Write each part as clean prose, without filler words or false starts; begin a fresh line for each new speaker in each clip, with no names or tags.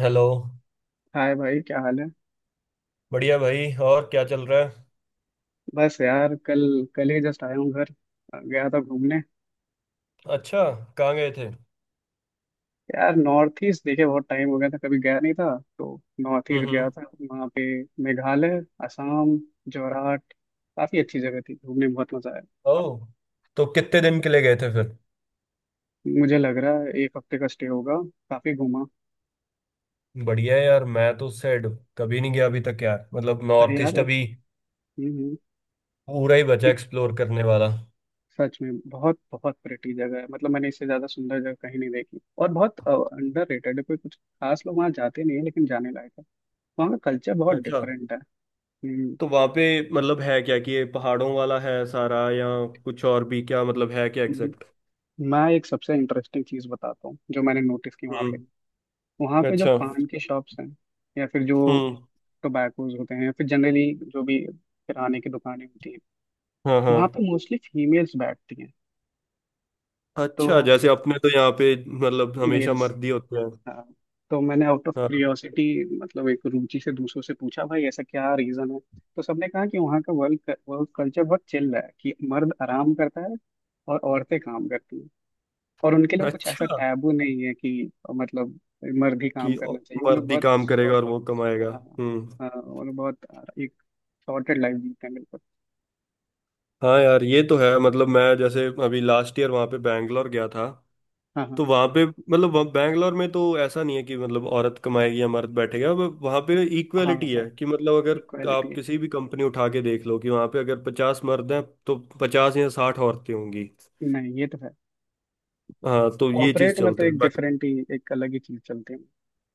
Hello.
Hi भाई, क्या हाल है।
बढ़िया भाई, और क्या चल रहा है?
बस यार, कल कल ही जस्ट आया हूँ घर। गया था घूमने।
अच्छा। कहाँ गए थे?
यार नॉर्थ ईस्ट देखे बहुत टाइम हो गया था, कभी गया नहीं था, तो नॉर्थ
हम्म,
ईस्ट गया
हम्म।
था वहाँ पे। मेघालय, असम, जोरहाट। काफी अच्छी जगह थी, घूमने में बहुत मजा आया।
ओह। तो कितने दिन के लिए गए थे फिर?
मुझे लग रहा है एक हफ्ते का स्टे होगा, काफी घूमा।
बढ़िया है यार, मैं तो सेड। कभी नहीं गया अभी तक यार, मतलब
अरे
नॉर्थ
यार।
ईस्ट अभी
हम्म,
पूरा ही बचा
एक
एक्सप्लोर करने वाला।
सच में बहुत बहुत प्रिटी जगह है, मतलब मैंने इससे ज्यादा सुंदर जगह कहीं नहीं देखी और बहुत अंडर रेटेड है, कोई कुछ खास लोग वहाँ जाते नहीं है, लेकिन जाने लायक है। वहाँ का कल्चर बहुत
अच्छा।
डिफरेंट है। हम्म,
तो वहाँ पे मतलब है क्या कि ये पहाड़ों वाला है सारा, या कुछ और भी, क्या मतलब है क्या
हम्म।
एग्जैक्ट?
मैं एक सबसे इंटरेस्टिंग चीज बताता हूँ जो मैंने नोटिस की वहाँ पे।
हम्म।
वहाँ पे जो
अच्छा।
पान की शॉप्स हैं या फिर जो
हम्म।
टोबैकोज होते हैं या फिर जनरली जो भी किराने की दुकानें होती हैं,
हाँ,
वहाँ
हाँ।
पे मोस्टली फीमेल्स बैठती हैं। तो
अच्छा, जैसे अपने तो यहाँ पे मतलब हमेशा
मेल्स।
मर्दी होते हैं।
हाँ। तो मैंने आउट ऑफ
हाँ।
क्यूरियोसिटी, मतलब एक रुचि से, दूसरों से पूछा भाई ऐसा क्या रीजन है। तो सबने कहा कि वहाँ का वर्क वर्क कल्चर बहुत चिल है, कि मर्द आराम करता है और औरतें काम करती हैं। और उनके लिए कुछ ऐसा
अच्छा,
टैबू नहीं है कि मतलब मर्द ही काम
कि
करना चाहिए।
मर्द ही काम करेगा और वो कमाएगा। हम्म।
वो लोग बहुत एक शॉर्टेड लाइफ जीते हैं बिल्कुल।
हाँ यार, ये तो है, मतलब मैं जैसे अभी लास्ट ईयर वहाँ पे बैंगलोर गया था।
हाँ, हाँ,
तो वहाँ पे, मतलब वहाँ बैंगलोर में तो ऐसा नहीं है कि मतलब औरत कमाएगी या मर्द बैठेगा, वहाँ पे
हाँ,
इक्वेलिटी
हाँ।
है कि मतलब अगर
इक्वालिटी
आप
है।
किसी भी कंपनी उठा के देख लो कि वहाँ पे अगर 50 मर्द हैं तो 50 या 60 औरतें होंगी।
नहीं, ये तो है।
हाँ, तो ये चीज़
कॉर्पोरेट में तो
चलता है
एक
बाकी।
डिफरेंट ही एक अलग ही चीज चलती है,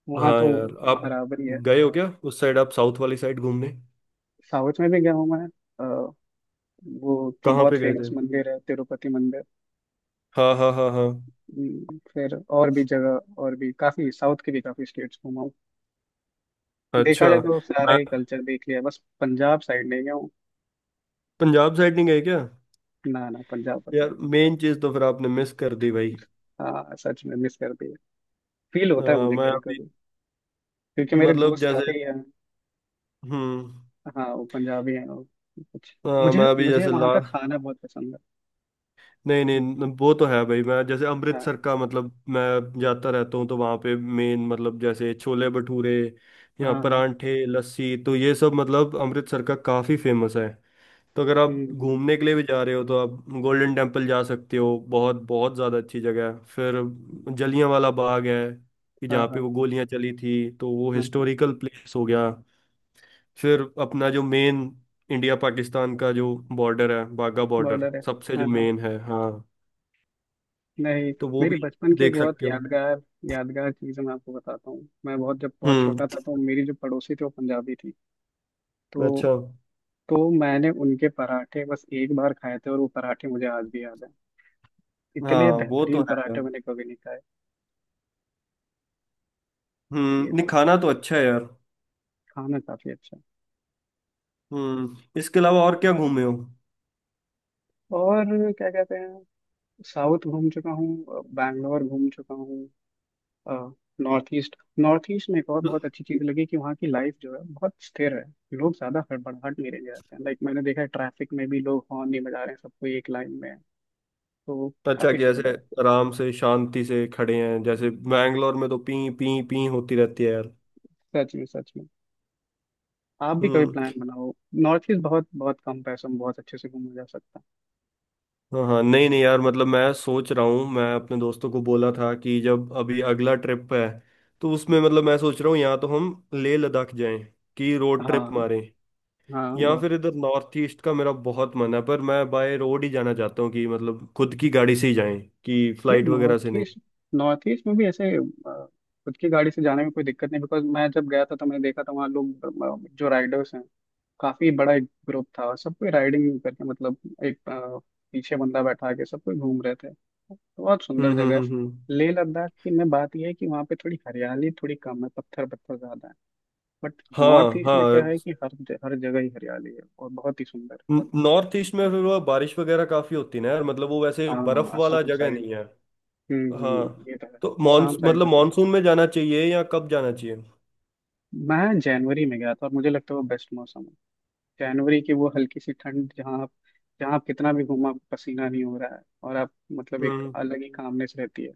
वहाँ
हाँ
तो
यार, आप
बराबर ही है।
गए हो क्या उस साइड, आप साउथ वाली साइड घूमने?
साउथ में भी गया हूँ मैं। अ, वो जो
कहाँ
बहुत
पे गए
फेमस
थे?
मंदिर है, तिरुपति मंदिर।
हाँ, हाँ, हाँ, हाँ।
फिर और भी जगह, और भी काफी साउथ के भी काफी स्टेट्स घूमा हूँ। देखा
अच्छा।
जाए तो सारा
मैं
ही कल्चर देख लिया, बस पंजाब साइड नहीं गया।
पंजाब साइड नहीं गए क्या?
ना ना, पंजाब बचा है।
यार मेन चीज तो फिर आपने मिस कर दी भाई।
हाँ, सच में मिस कर दिया। फील होता है
अ,
मुझे
मैं
कभी
अभी,
कभी। क्योंकि मेरे
मतलब
दोस्त
जैसे।
काफी हैं,
हम्म।
हाँ वो पंजाबी हैं और कुछ मुझे
मैं अभी
मुझे
जैसे
वहाँ
ला
का खाना बहुत पसंद
नहीं
है।
नहीं, वो तो है भाई, मैं जैसे
हाँ,
अमृतसर का मतलब मैं जाता रहता हूँ, तो वहाँ पे मेन मतलब जैसे छोले भटूरे
हाँ,
या
हाँ।
परांठे लस्सी, तो ये सब मतलब अमृतसर का काफी फेमस है। तो अगर
हम्म,
आप
हम्म,
घूमने के लिए भी जा रहे हो तो आप गोल्डन टेम्पल जा सकते हो, बहुत बहुत ज़्यादा अच्छी जगह है। फिर जलियांवाला बाग है, कि
हाँ,
जहाँ पे
हाँ,
वो गोलियाँ चली थी, तो वो
हाँ, हाँ।
हिस्टोरिकल प्लेस हो गया। फिर अपना जो मेन इंडिया पाकिस्तान का जो बॉर्डर है, बाघा बॉर्डर,
बॉर्डर है,
सबसे जो
हाँ, हाँ।
मेन है, हाँ,
नहीं,
तो वो
मेरी
भी
बचपन की एक
देख
बहुत
सकते हो।
यादगार यादगार चीज़ मैं आपको बताता हूँ। मैं बहुत जब बहुत
हम्म।
छोटा था, तो मेरी जो पड़ोसी थी वो पंजाबी थी।
अच्छा।
तो तो मैंने उनके पराठे बस एक बार खाए थे और वो पराठे मुझे आज भी याद है।
हाँ
इतने
वो तो
बेहतरीन
है यार।
पराठे मैंने कभी नहीं खाए। ये
हम्म।
तो
नहीं,
है,
खाना तो अच्छा है यार।
खाना काफी अच्छा है।
हम्म, इसके अलावा और क्या घूमे हो?
और क्या कहते हैं, साउथ घूम चुका हूँ, बैंगलोर घूम चुका हूँ। नॉर्थ ईस्ट में एक और बहुत अच्छी चीज़ लगी कि वहाँ की लाइफ जो है बहुत स्थिर है। लोग ज़्यादा हड़बड़ाहट नहीं रहने जाते हैं, लाइक मैंने देखा है ट्रैफिक में भी लोग हॉर्न नहीं बजा रहे हैं, सबको एक लाइन में है। तो
अच्छा,
काफ़ी
कि
सुंदर
ऐसे
है।
आराम से शांति से खड़े हैं, जैसे बैंगलोर में तो पी पी पी होती रहती है यार।
सच में, सच में। आप भी कभी
हम्म।
प्लान बनाओ। नॉर्थ ईस्ट बहुत बहुत कम पैसों में बहुत अच्छे से घूमा जा सकता
हाँ हाँ, नहीं नहीं यार, मतलब मैं सोच रहा हूँ, मैं अपने दोस्तों को बोला था कि जब अभी अगला ट्रिप है तो उसमें मतलब मैं सोच रहा हूँ या तो हम लेह लद्दाख जाएं, कि रोड
है।
ट्रिप
हाँ,
मारें,
हाँ,
या
बहुत।
फिर इधर नॉर्थ ईस्ट का मेरा बहुत मन है, पर मैं बाय रोड ही जाना चाहता हूँ, कि मतलब खुद की गाड़ी से ही जाएं, कि फ्लाइट
नहीं,
वगैरह
नॉर्थ
से नहीं।
ईस्ट नॉर्थ ईस्ट में भी ऐसे खुद की गाड़ी से जाने में कोई दिक्कत नहीं, बिकॉज मैं जब गया था तो मैंने देखा था वहाँ लोग जो राइडर्स हैं, काफी बड़ा एक ग्रुप था और सब कोई राइडिंग करके, मतलब एक अ, पीछे बंदा बैठा के सब कोई घूम रहे थे। बहुत
हम्म,
सुंदर जगह
हम्म,
है।
हम्म,
लेह लद्दाख की में बात यह है कि वहाँ पे थोड़ी हरियाली थोड़ी कम है, पत्थर पत्थर ज्यादा है। बट नॉर्थ
हाँ
ईस्ट में
हाँ,
क्या है कि हर जगह ही हरियाली है और बहुत ही सुंदर।
नॉर्थ ईस्ट में फिर वो बारिश वगैरह काफी होती है ना यार, मतलब वो वैसे
हाँ, हाँ,
बर्फ वाला
असम
जगह
साइड।
नहीं है।
हम्म,
हाँ,
ये तो है
तो
असम
मॉनस
साइड
मतलब
का।
मानसून में जाना चाहिए, या कब जाना चाहिए?
मैं जनवरी में गया था और मुझे लगता है वो बेस्ट मौसम है। जनवरी की वो हल्की सी ठंड, जहाँ आप कितना भी घूमो आपको पसीना नहीं हो रहा है और आप, मतलब एक
हम्म।
अलग ही कामनेस रहती है।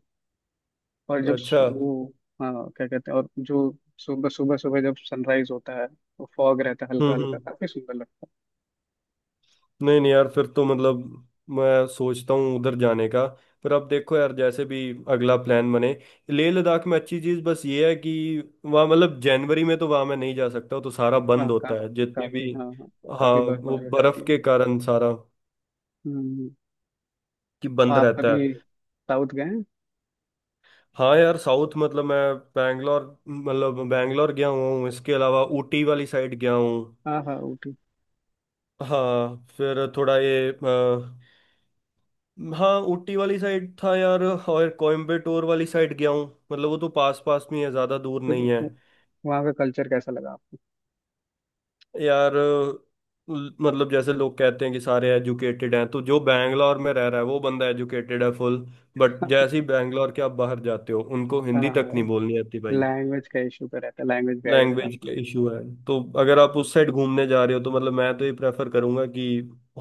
और जब
अच्छा।
सु- वो हाँ, क्या कहते हैं, और जो सुबह सुबह सुबह जब सनराइज होता है तो फॉग रहता है हल्का
हम्म।
हल्का,
हम्म।
काफी सुंदर लगता
नहीं नहीं यार, फिर तो मतलब मैं सोचता हूँ उधर जाने का, पर अब देखो यार, जैसे भी अगला प्लान बने। लेह लद्दाख में अच्छी चीज़ बस ये है कि वहाँ, मतलब जनवरी में तो वहाँ मैं नहीं जा सकता, तो सारा
है। हाँ
बंद
का,
होता है जितने
काफी,
भी।
हाँ, हाँ,
हाँ,
काफी
वो
बर्फबारी हो जाती
बर्फ
है।
के कारण सारा
हम्म,
कि
तो
बंद
आप
रहता
कभी
है।
साउथ गए हैं।
हाँ यार, साउथ मतलब मैं बैंगलोर मतलब बैंगलोर गया हुआ हूँ, इसके अलावा ऊटी वाली साइड गया हूँ।
हाँ, हाँ, ऊटी।
हाँ, फिर थोड़ा ये हाँ, ऊटी वाली साइड था यार, और कोयम्बटूर वाली साइड गया हूँ। मतलब वो तो पास पास में ही है, ज़्यादा दूर
तो
नहीं है।
वो- वहाँ का कल्चर कैसा लगा आपको।
यार मतलब जैसे लोग कहते हैं कि सारे एजुकेटेड हैं, तो जो बैंगलोर में रह रहा है वो बंदा एजुकेटेड है फुल, बट जैसे ही बैंगलोर के आप बाहर जाते हो उनको
हाँ,
हिंदी तक नहीं
हाँ,
बोलनी आती भाई।
लैंग्वेज का इशू तो रहता है, लैंग्वेज बैरियर
लैंग्वेज
काफी
का
है।
इशू है। तो अगर आप उस साइड घूमने जा रहे हो तो मतलब मैं तो ये प्रेफर करूंगा कि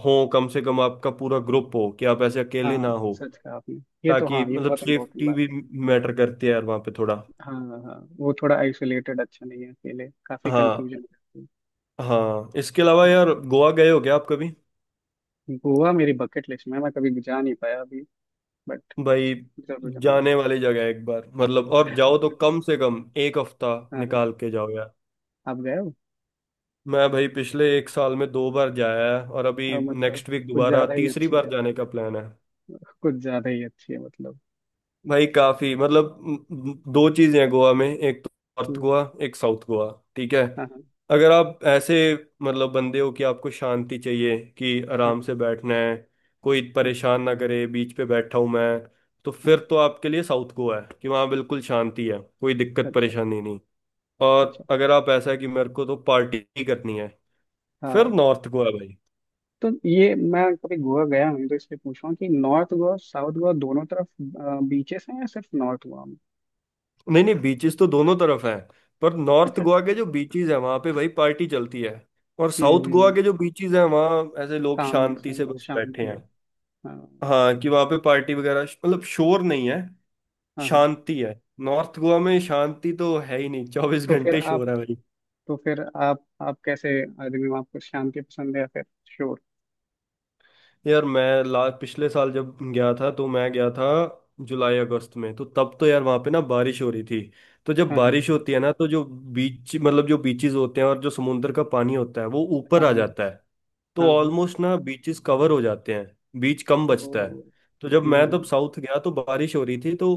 हो कम से कम आपका पूरा ग्रुप हो, कि आप ऐसे अकेले ना
हाँ,
हो,
सच कहा आपने, ये तो
ताकि
हाँ, ये
मतलब
बहुत इंपॉर्टेंट
सेफ्टी
बात
भी
है।
मैटर करती है यार वहाँ पे थोड़ा।
हाँ, हाँ, हाँ, वो थोड़ा आइसोलेटेड अच्छा नहीं है, अकेले काफी
हाँ
कंफ्यूजन हो जाती है।
हाँ, इसके अलावा
हम्म,
यार, गोवा गए हो क्या आप कभी?
गोवा मेरी बकेट लिस्ट में है, मैं कभी जा नहीं पाया अभी, बट
भाई
जरूर जाऊंगा।
जाने वाली जगह है एक बार, मतलब और जाओ तो कम से कम एक हफ्ता
हाँ, हाँ,
निकाल के जाओ यार।
आप गए हो।
मैं भाई पिछले एक साल में दो बार जाया है, और अभी
और मतलब
नेक्स्ट वीक
कुछ
दोबारा
ज्यादा ही
तीसरी
अच्छी
बार
है,
जाने का प्लान है।
कुछ ज्यादा ही अच्छी है मतलब।
भाई काफी, मतलब म, म, दो चीजें हैं गोवा में, एक तो नॉर्थ
हम्म,
गोवा, एक साउथ गोवा। ठीक है।
हाँ, हाँ,
अगर आप ऐसे मतलब बंदे हो कि आपको शांति चाहिए, कि
हाँ,
आराम
हाँ,
से बैठना है, कोई परेशान ना करे, बीच पे बैठा हूं मैं, तो
हाँ,
फिर तो आपके लिए साउथ गोवा है, कि वहाँ बिल्कुल शांति है, कोई दिक्कत
अच्छा,
परेशानी नहीं।
अच्छा,
और अगर आप ऐसा है कि मेरे को तो पार्टी करनी है, फिर
हाँ।
नॉर्थ गोवा भाई।
तो ये मैं कभी गोवा गया नहीं तो इसलिए पूछ रहा हूँ कि नॉर्थ गोवा, साउथ गोवा दोनों तरफ बीचेस हैं या सिर्फ नॉर्थ गोवा में।
नहीं नहीं, बीचेस तो दोनों तरफ हैं, पर नॉर्थ
अच्छा, अच्छा।
गोवा के जो बीचेस हैं वहां पे भाई पार्टी चलती है, और साउथ गोवा
हम्म,
के जो बीचेस हैं वहां ऐसे लोग
काम में से
शांति से
बस
बस
शांति
बैठे हैं।
है। हाँ,
हाँ, कि वहां पे पार्टी वगैरह मतलब शोर नहीं है,
हाँ, हाँ।
शांति है। नॉर्थ गोवा में शांति तो है ही नहीं, 24
तो फिर
घंटे
आप
शोर है भाई।
तो फिर आप कैसे आदमी हो, आपको शांति पसंद है या फिर शोर।
यार मैं ला पिछले साल जब गया था, तो मैं गया था जुलाई अगस्त में, तो तब तो यार वहां पे ना बारिश हो रही थी, तो जब
हाँ,
बारिश होती है ना, तो जो बीच मतलब जो बीचेस होते हैं और जो समुंदर का पानी होता है वो
हाँ,
ऊपर
हाँ,
आ
हाँ,
जाता है,
हाँ,
तो
हाँ,
ऑलमोस्ट ना बीचेस कवर हो जाते हैं, बीच कम
तो
बचता है। तो जब मैं तब
हम्म,
साउथ गया तो बारिश हो रही थी, तो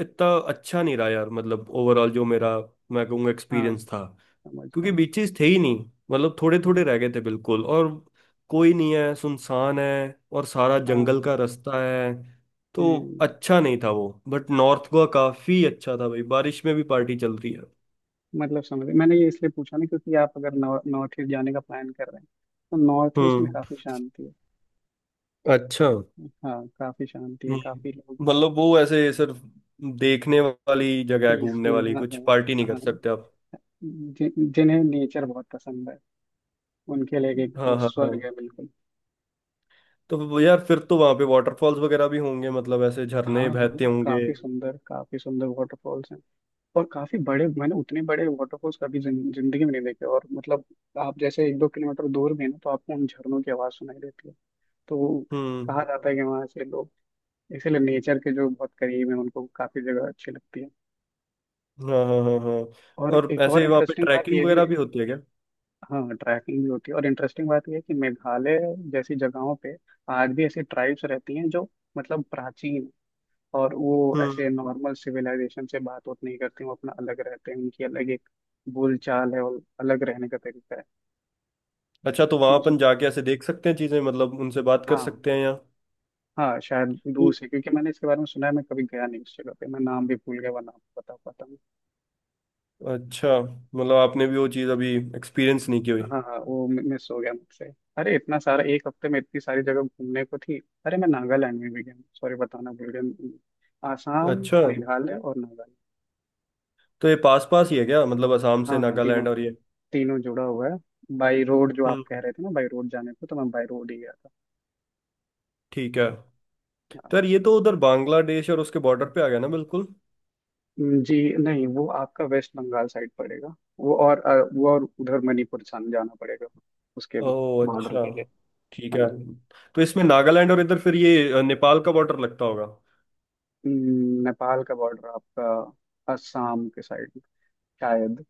इतना अच्छा नहीं रहा यार, मतलब ओवरऑल जो मेरा, मैं कहूँगा,
हाँ,
एक्सपीरियंस था,
समझ रहा
क्योंकि
हूँ।
बीचेस थे ही नहीं, मतलब थोड़े थोड़े
हम्म,
रह गए थे बिल्कुल, और कोई नहीं है, सुनसान है, और सारा
हाँ,
जंगल
हाँ,
का रास्ता है, तो
हम्म,
अच्छा नहीं था वो, बट नॉर्थ गोवा काफी अच्छा था भाई, बारिश में भी पार्टी
हाँ,
चल रही है।
मतलब समझ, मैंने ये इसलिए पूछा ना क्योंकि आप अगर नॉर्थ ईस्ट जाने का प्लान कर रहे हैं तो नॉर्थ ईस्ट में
हम्म।
काफी शांति है।
अच्छा।
हाँ, काफी शांति है, काफी लोग
हम्म, मतलब वो ऐसे सिर्फ देखने वाली जगह है घूमने
पीसफुल,
वाली,
हाँ,
कुछ
हाँ,
पार्टी नहीं कर
हाँ,
सकते आप।
जि, जिन्हें नेचर बहुत पसंद है उनके लिए एक
हाँ,
वो
हाँ, हाँ,
स्वर्ग है बिल्कुल।
तो वो यार फिर तो वहां पे वाटरफॉल्स वगैरह भी होंगे, मतलब ऐसे
हाँ,
झरने
हाँ,
बहते होंगे।
काफी सुंदर, काफी सुंदर वाटरफॉल्स हैं। और काफी बड़े, मैंने उतने बड़े वाटरफॉल्स कभी जिंदगी में नहीं देखे और मतलब आप जैसे एक दो किलोमीटर दूर भी हैं ना तो आपको उन झरनों की आवाज सुनाई देती है। तो वो
हम्म।
कहा जाता है कि वहां से लोग, इसीलिए नेचर के जो बहुत करीब है उनको काफी जगह अच्छी लगती है।
हाँ, हाँ, हाँ, हाँ।
और
और
एक और
ऐसे वहां पे
इंटरेस्टिंग बात
ट्रैकिंग
ये भी
वगैरह
है।
भी होती है क्या?
हाँ, ट्रैकिंग भी होती है और इंटरेस्टिंग बात यह है कि मेघालय जैसी जगहों पे आज भी ऐसी ट्राइब्स रहती हैं जो, मतलब प्राचीन, और वो
हम्म।
ऐसे नॉर्मल सिविलाइजेशन से बात बात नहीं करती, वो अपना अलग रहते हैं, उनकी अलग एक बोलचाल है और अलग रहने का तरीका है।
अच्छा, तो
मैं
वहां
उस-
अपन जाके ऐसे देख सकते हैं चीजें, मतलब उनसे बात कर
हाँ,
सकते हैं या?
हाँ, शायद दूर से, क्योंकि मैंने इसके बारे में सुना है, मैं कभी गया नहीं उस जगह पे, मैं नाम भी भूल गया, वह नाम तो बता पाता हूँ।
अच्छा, मतलब आपने भी वो चीज अभी एक्सपीरियंस नहीं की हुई।
हाँ, हाँ, वो मिस हो गया मुझसे। अरे इतना सारा एक हफ्ते में इतनी सारी जगह घूमने को थी। अरे मैं नागालैंड में भी गया, सॉरी बताना भूल गया। आसाम,
अच्छा,
मेघालय और नागालैंड।
तो ये पास पास ही है क्या, मतलब असम से
हाँ, हाँ, तीनों,
नागालैंड और ये?
तीनों जुड़ा हुआ है। बाई रोड जो आप
हम्म,
कह रहे थे ना, बाई रोड जाने को तो मैं बाई रोड ही गया था।
ठीक है।
हाँ।
तो यार ये तो उधर बांग्लादेश और उसके बॉर्डर पे आ गया ना बिल्कुल।
जी नहीं, वो आपका वेस्ट बंगाल साइड पड़ेगा। वो और उधर मणिपुर जाना पड़ेगा उसके
ओ
बॉर्डर
अच्छा।
के लिए।
ठीक
हाँ
है।
जी।
तो इसमें नागालैंड और इधर फिर ये नेपाल का बॉर्डर लगता होगा।
नेपाल का बॉर्डर आपका असम के साइड में शायद।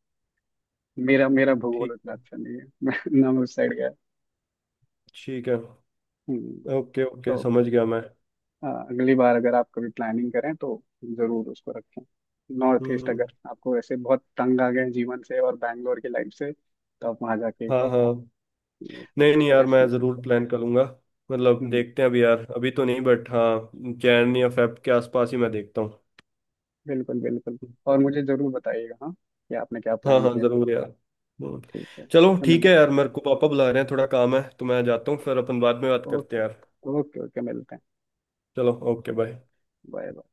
मेरा मेरा भूगोल
ठीक
उतना
है।
अच्छा नहीं है। मैं उस साइड गया।
ठीक है।
हम्म,
ओके, ओके,
तो
समझ गया मैं।
अगली बार अगर आप कभी प्लानिंग करें तो जरूर उसको रखें। नॉर्थ ईस्ट,
हम्म।
अगर आपको ऐसे बहुत तंग आ गए हैं जीवन से और बैंगलोर की लाइफ से, तो आप वहाँ जाके
हाँ हाँ, नहीं नहीं यार,
रेस्ट
मैं
ले सकते
ज़रूर
हैं।
प्लान करूंगा, मतलब
हम्म,
देखते हैं अभी यार, अभी तो नहीं बट हाँ, जैन या फेब के आसपास ही मैं देखता हूँ।
बिल्कुल बिल्कुल। और मुझे जरूर बताइएगा, हाँ कि आपने क्या
हाँ
प्लान
हाँ,
किया।
ज़रूर यार। हम्म,
ठीक है
चलो
फिर
ठीक है
मिलते हैं।
यार, मेरे को पापा बुला रहे हैं, थोड़ा काम है, तो मैं जाता हूँ, फिर अपन बाद में बात करते
ओके,
हैं यार।
ओके, ओके, मिलते हैं।
चलो, ओके, बाय।
Bye bye.